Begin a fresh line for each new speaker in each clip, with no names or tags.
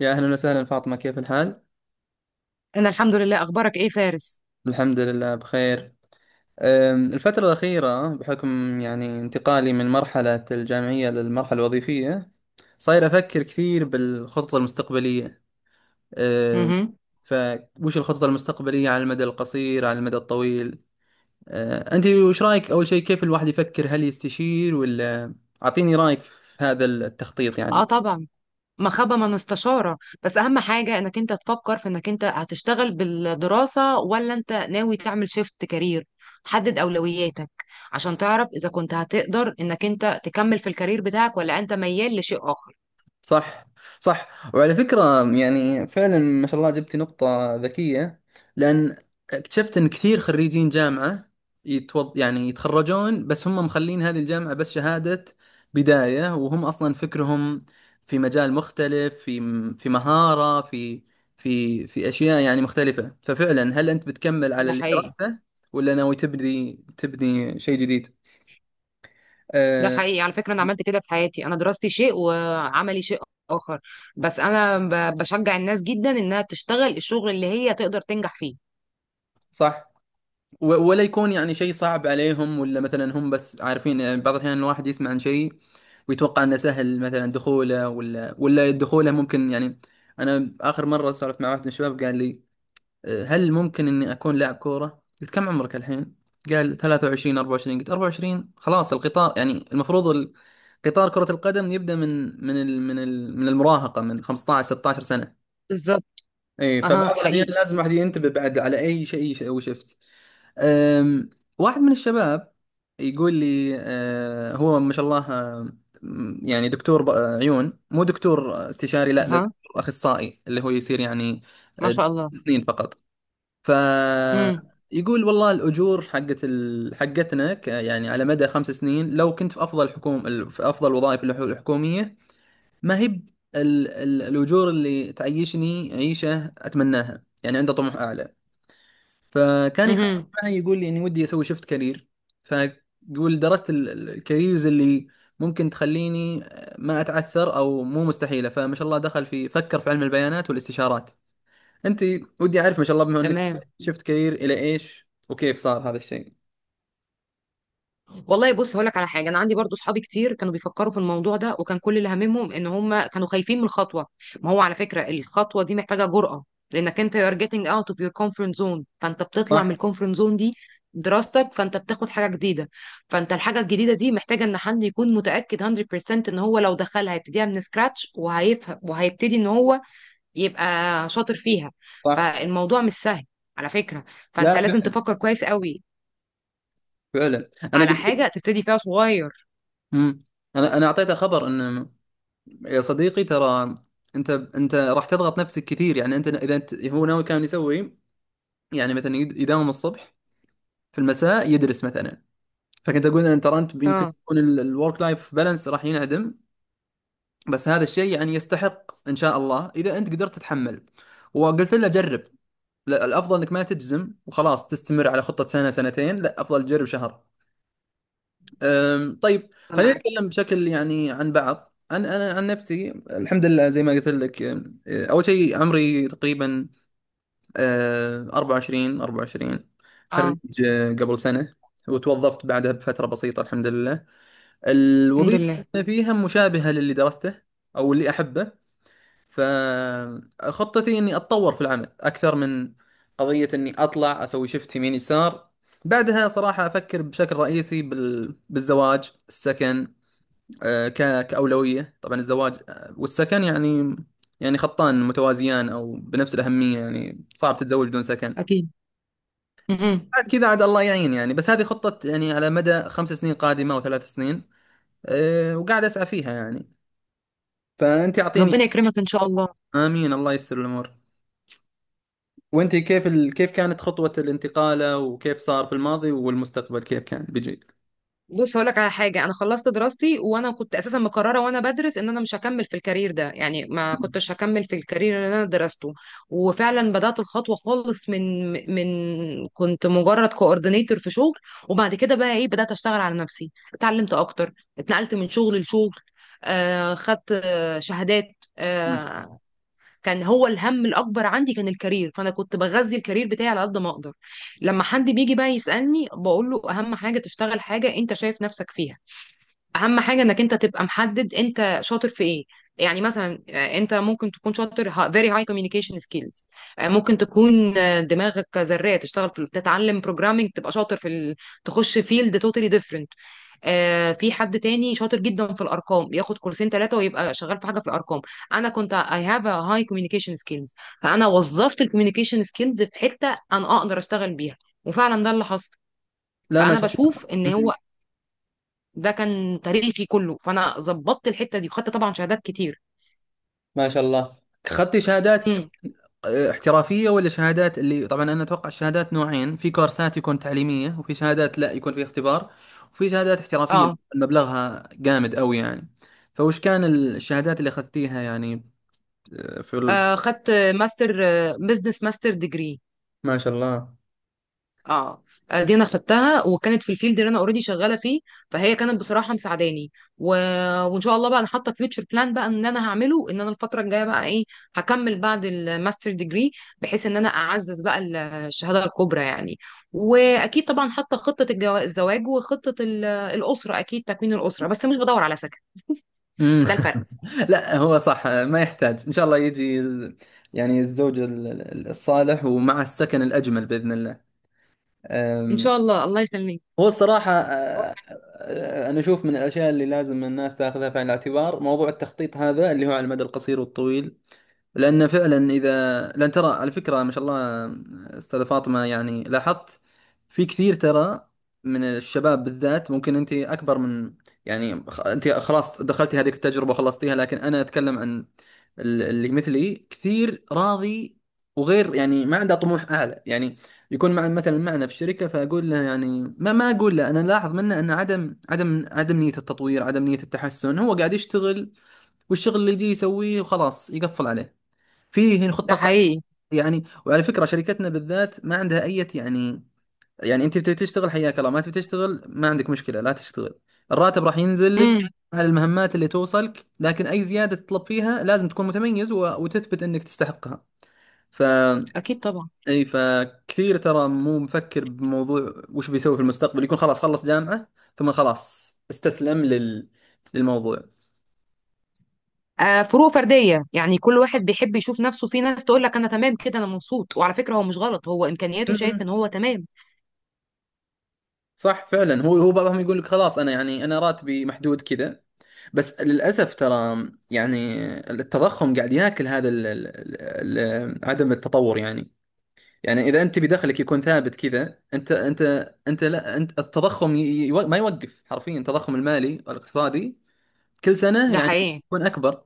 يا أهلا وسهلا فاطمة، كيف الحال؟
انا الحمد لله، اخبارك ايه فارس؟
الحمد لله بخير. الفترة الأخيرة بحكم يعني انتقالي من مرحلة الجامعية للمرحلة الوظيفية، صاير أفكر كثير بالخطط المستقبلية. أم،
امم
فوش الخطط المستقبلية على المدى القصير على المدى الطويل. أنت وش رأيك أول شيء؟ كيف الواحد يفكر؟ هل يستشير ولا؟ أعطيني رأيك في هذا التخطيط
اه،
يعني.
طبعا. مخبة من استشارة. بس اهم حاجة انك انت تفكر في انك انت هتشتغل بالدراسة ولا انت ناوي تعمل شيفت كارير. حدد اولوياتك عشان تعرف اذا كنت هتقدر انك انت تكمل في الكارير بتاعك ولا انت ميال لشيء اخر.
صح، صح. وعلى فكرة يعني فعلا ما شاء الله جبتي نقطة ذكية. لأن اكتشفت أن كثير خريجين جامعة يعني يتخرجون، بس هم مخلين هذه الجامعة بس شهادة بداية، وهم أصلا فكرهم في مجال مختلف، في مهارة، في في أشياء يعني مختلفة. ففعلا هل أنت بتكمل على
ده
اللي
حقيقي.
درسته، ولا ناوي تبدي شيء جديد؟
ده
أه...
حقيقي، على فكرة. انا عملت كده في حياتي، انا دراستي شيء وعملي شيء اخر. بس انا بشجع الناس جدا انها تشتغل الشغل اللي هي تقدر تنجح فيه.
صح. ولا يكون يعني شيء صعب عليهم، ولا مثلا هم بس عارفين؟ يعني بعض الأحيان الواحد يسمع عن شيء ويتوقع انه سهل مثلا دخوله، ولا دخوله ممكن يعني. انا اخر مره سولفت مع واحد من الشباب قال لي هل ممكن اني اكون لاعب كوره؟ قلت كم عمرك الحين؟ قال 23 24. قلت 24 خلاص، القطار يعني المفروض قطار كرة القدم يبدأ من المراهقة، من 15 16 سنة.
بالظبط.
ايه،
اها،
فبعض الاحيان
حقيقي.
لازم الواحد ينتبه بعد على اي شيء هو شفت. أم، واحد من الشباب يقول لي هو ما شاء الله، يعني دكتور عيون، مو دكتور استشاري، لا، ده
اها،
دكتور اخصائي، اللي هو يصير يعني
ما
أه،
شاء الله.
سنين فقط.
امم
فيقول والله الاجور حقت حقتنا يعني على مدى 5 سنين لو كنت في افضل في افضل وظائف الحكوميه، ما هي ال الأجور اللي تعيشني عيشة أتمناها. يعني عنده طموح أعلى. فكان يخاف
امم.
معي، يقول لي إني ودي أسوي شفت كارير. فيقول درست الكاريرز اللي ممكن تخليني ما أتعثر أو مو مستحيلة، فما شاء الله دخل في فكر في علم البيانات والاستشارات. أنت ودي أعرف، ما شاء الله، بما إنك
تمام.
شفت كارير إلى إيش وكيف صار هذا الشيء.
والله، بص هقول لك على حاجه. انا عندي برضو صحابي كتير كانوا بيفكروا في الموضوع ده، وكان كل اللي هاممهم ان هم كانوا خايفين من الخطوه. ما هو على فكره الخطوه دي محتاجه جرأه. لانك انت you're getting out of your comfort zone، فانت بتطلع من
صح،
الكومفورت زون دي دراستك. فانت بتاخد حاجه جديده. فانت الحاجه الجديده دي محتاجه ان حد يكون متاكد 100% ان هو لو دخلها هيبتديها من سكراتش وهيفهم وهيبتدي ان هو يبقى شاطر فيها.
صح.
فالموضوع مش سهل، على فكرة.
لا،
فانت لازم
لا،
تفكر كويس قوي
فعلا أنا
على
قلت.
حاجة تبتدي فيها صغير.
مم. أنا أعطيته خبر إنه يا صديقي ترى انت راح تضغط نفسك كثير. يعني انت، اذا انت هو ناوي كان يسوي يعني مثلا يداوم الصبح، في المساء يدرس مثلا. فكنت اقول ان ترى انت يمكن
اه،
يكون الورك لايف بالانس راح ينعدم، بس هذا الشيء يعني يستحق ان شاء الله اذا انت قدرت تتحمل. وقلت له جرب. لا، الافضل انك ما تجزم وخلاص تستمر على خطة سنة سنتين. لا، افضل تجرب شهر. طيب
انا
خلينا
معاك.
نتكلم بشكل يعني عن بعض، عن انا عن نفسي. الحمد لله زي ما قلت لك، أم، أه، اول شيء عمري تقريبا 24 24، خريج
اه،
قبل سنة، وتوظفت بعدها بفترة بسيطة الحمد لله.
الحمد
الوظيفة
لله.
اللي أنا فيها مشابهة للي درسته او اللي احبه، فخطتي اني اتطور في العمل اكثر من قضية اني اطلع اسوي شفت يمين يسار. بعدها صراحة أفكر بشكل رئيسي بالزواج، السكن، كأولوية طبعا الزواج، والسكن. يعني يعني خطان متوازيان أو بنفس الأهمية، يعني صعب تتزوج بدون سكن.
اكيد. م-م.
بعد كذا عاد الله يعين يعني، بس هذه خطة يعني على مدى خمس سنين قادمة أو 3 سنين. وقاعد أسعى فيها يعني. فأنت أعطيني
ربنا
كذا.
يكرمك ان شاء الله.
آمين، الله يسر الأمور. وأنت كيف كيف كانت خطوة الانتقالة؟ وكيف صار في الماضي والمستقبل كيف كان بيجي؟
بص هقول لك على حاجه. انا خلصت دراستي وانا كنت اساسا مقرره وانا بدرس ان انا مش هكمل في الكارير ده، يعني ما كنتش هكمل في الكارير اللي انا درسته. وفعلا بدات الخطوه خالص من كنت مجرد كوردينيتور في شغل. وبعد كده بقى ايه بدات اشتغل على نفسي، اتعلمت اكتر، اتنقلت من شغل لشغل. خدت شهادات. آه كان هو الهم الاكبر عندي كان الكارير. فانا كنت بغذي الكارير بتاعي على قد ما اقدر. لما حد بيجي بقى يسالني بقول له اهم حاجه تشتغل حاجه انت شايف نفسك فيها. اهم حاجه انك انت تبقى محدد انت شاطر في ايه. يعني مثلا انت ممكن تكون شاطر very high communication skills. ممكن تكون دماغك زراعة تشتغل في تتعلم programming تبقى شاطر في تخش field totally different. في حد تاني شاطر جدا في الارقام ياخد كورسين ثلاثه ويبقى شغال في حاجه في الارقام. انا كنت I have a high communication skills. فانا وظفت الكوميونيكيشن سكيلز في حته انا اقدر اشتغل بيها، وفعلا ده اللي حصل.
لا ما
فانا
شاء
بشوف ان
الله.
هو ده كان تاريخي كله. فانا ظبطت الحته دي وخدت طبعا شهادات كتير.
ما شاء الله. أخذتي شهادات
امم.
احترافية ولا شهادات؟ اللي طبعا أنا أتوقع الشهادات نوعين، في كورسات يكون تعليمية، وفي شهادات لا يكون في اختبار، وفي شهادات احترافية اللي
اه،
يكون مبلغها جامد أوي يعني. فوش كان الشهادات اللي أخذتيها يعني في
خدت ماستر، بزنس ماستر ديجري.
ما شاء الله.
اه، دي انا خدتها وكانت في الفيلد اللي انا اوريدي شغاله فيه. فهي كانت بصراحه مساعداني. و... وان شاء الله بقى انا حاطه فيوتشر بلان بقى ان انا هعمله ان انا الفتره الجايه بقى ايه. هكمل بعد الماستر ديجري بحيث ان انا اعزز بقى الشهاده الكبرى يعني. واكيد طبعا حاطه خطه الزواج وخطه الاسره، اكيد تكوين الاسره، بس مش بدور على سكن.
مم.
ده الفرق.
لا هو صح، ما يحتاج، إن شاء الله يجي يعني الزوج الصالح، ومع السكن الأجمل بإذن الله.
ان
أم،
شاء الله، الله يخليك.
هو الصراحة، أنا أشوف من الأشياء اللي لازم الناس تأخذها في عين الاعتبار موضوع التخطيط هذا اللي هو على المدى القصير والطويل. لأن فعلا إذا، لأن ترى على فكرة ما شاء الله، أستاذة فاطمة، يعني لاحظت في كثير ترى من الشباب بالذات. ممكن أنت أكبر من، يعني أنت خلاص دخلتي هذه التجربة وخلصتيها، لكن أنا أتكلم عن اللي مثلي كثير راضي وغير يعني ما عنده طموح أعلى، يعني يكون مع مثلا معنا في الشركة فأقول له يعني، ما أقول له أنا لاحظ منه أن عدم نية التطوير، عدم نية التحسن. هو قاعد يشتغل والشغل اللي يجي يسويه وخلاص يقفل عليه. فيه هنا
ده
خطة
حقيقي.
يعني. وعلى فكرة شركتنا بالذات ما عندها أي يعني، يعني أنت بتبي تشتغل حياك الله، ما تبي تشتغل ما عندك مشكلة لا تشتغل. الراتب راح ينزل لك
امم.
على المهمات اللي توصلك، لكن أي زيادة تطلب فيها لازم تكون متميز وتثبت أنك تستحقها. ف
اكيد طبعا.
أي، فكثير ترى مو مفكر بموضوع وش بيسوي في المستقبل، يكون خلاص خلص جامعة ثم خلاص استسلم للموضوع.
آه، فروق فرديه، يعني كل واحد بيحب يشوف نفسه. في ناس تقول لك انا تمام كده انا مبسوط، وعلى فكره هو مش غلط، هو امكانياته شايف ان هو تمام.
صح فعلا، هو بعضهم يقول لك خلاص انا، يعني انا راتبي محدود كذا. بس للاسف ترى يعني التضخم قاعد ياكل هذا ال عدم التطور يعني. يعني اذا انت بدخلك يكون ثابت كذا، انت لا، انت التضخم ما يوقف، حرفيا التضخم المالي والاقتصادي كل سنه
ده
يعني
حقيقي.
يكون اكبر.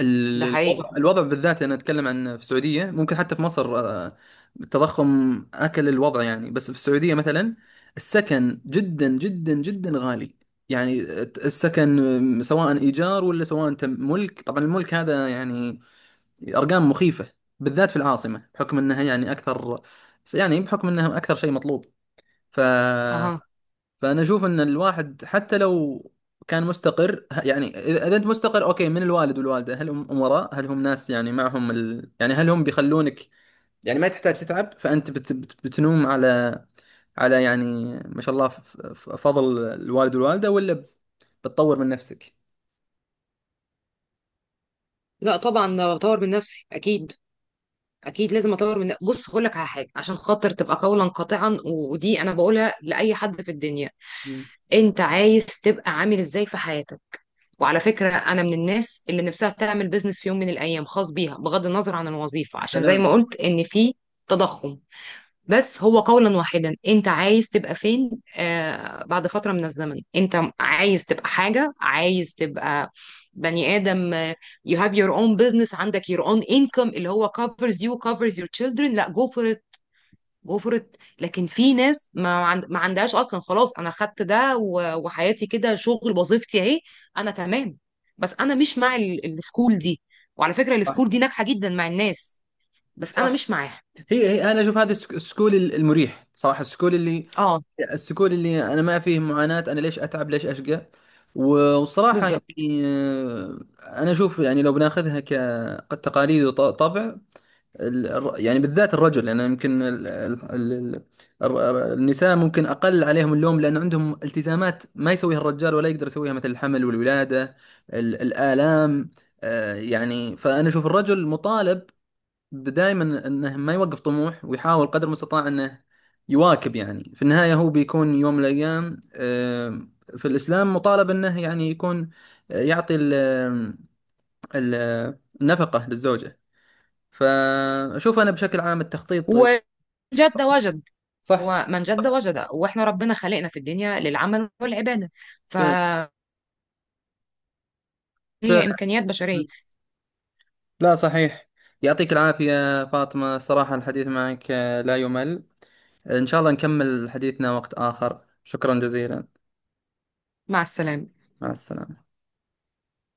ده
الوضع،
حقيقي.
الوضع بالذات انا اتكلم عن في السعوديه، ممكن حتى في مصر. التضخم اكل الوضع يعني. بس في السعوديه مثلا السكن جدا جدا جدا غالي. يعني السكن، سواء ايجار ولا سواء انت ملك، طبعا الملك هذا يعني ارقام مخيفه، بالذات في العاصمه بحكم انها يعني اكثر، يعني بحكم انها اكثر شيء مطلوب. ف
اها.
فانا اشوف ان الواحد حتى لو كان مستقر، يعني اذا انت مستقر اوكي، من الوالد والوالده. هل هم امراء؟ هل هم ناس يعني معهم يعني هل هم بيخلونك يعني ما تحتاج تتعب؟ فانت بتنوم على، يعني ما شاء الله، فضل الوالد والوالده، ولا بتطور من نفسك؟
لا، طبعا بطور من نفسي اكيد. اكيد لازم اطور بص هقول لك على حاجه عشان خاطر تبقى قولا قاطعا ودي انا بقولها لاي حد في الدنيا.
مم.
انت عايز تبقى عامل ازاي في حياتك. وعلى فكرة انا من الناس اللي نفسها تعمل بيزنس في يوم من الايام خاص بيها، بغض النظر عن الوظيفة،
يا
عشان زي
سلام.
ما قلت ان في تضخم. بس هو قولا واحدا، انت عايز تبقى فين؟ آه، بعد فترة من الزمن انت عايز تبقى حاجة، عايز تبقى بني آدم. You have your own business، عندك your own income اللي هو covers you covers your children. لا go for... وفرت. لكن في ناس ما عندهاش اصلا. خلاص انا خدت ده وحياتي كده شغل، وظيفتي اهي، انا تمام. بس انا مش مع السكول دي. وعلى فكره
صح،
السكول دي ناجحه جدا مع الناس، بس انا
صح.
مش معاها.
هي انا اشوف هذا، السكول المريح صراحه،
اه.
السكول اللي انا ما فيه معاناة. انا ليش اتعب؟ ليش اشقى؟ وصراحة
بالظبط.
يعني، انا اشوف يعني لو بناخذها كتقاليد وطبع، يعني بالذات الرجل، يعني يمكن النساء ممكن اقل عليهم اللوم لان عندهم التزامات ما يسويها الرجال ولا يقدر يسويها، مثل الحمل والولادة، الآلام. يعني فانا اشوف الرجل مطالب دائما انه ما يوقف طموح، ويحاول قدر المستطاع انه يواكب. يعني في النهاية هو بيكون يوم من الايام، في الاسلام مطالب انه يعني يكون، يعطي ال- النفقة للزوجة. فاشوف انا بشكل عام التخطيط.
وجد. وجد.
صح.
ومن جد وجد. واحنا ربنا خلقنا في الدنيا للعمل والعباده.
ف...
فهي
ف...
امكانيات بشريه.
لا، صحيح. يعطيك العافية فاطمة، صراحة الحديث معك لا يمل. ان شاء الله نكمل حديثنا وقت اخر، شكرا جزيلا.
مع السلامه.
مع السلامة.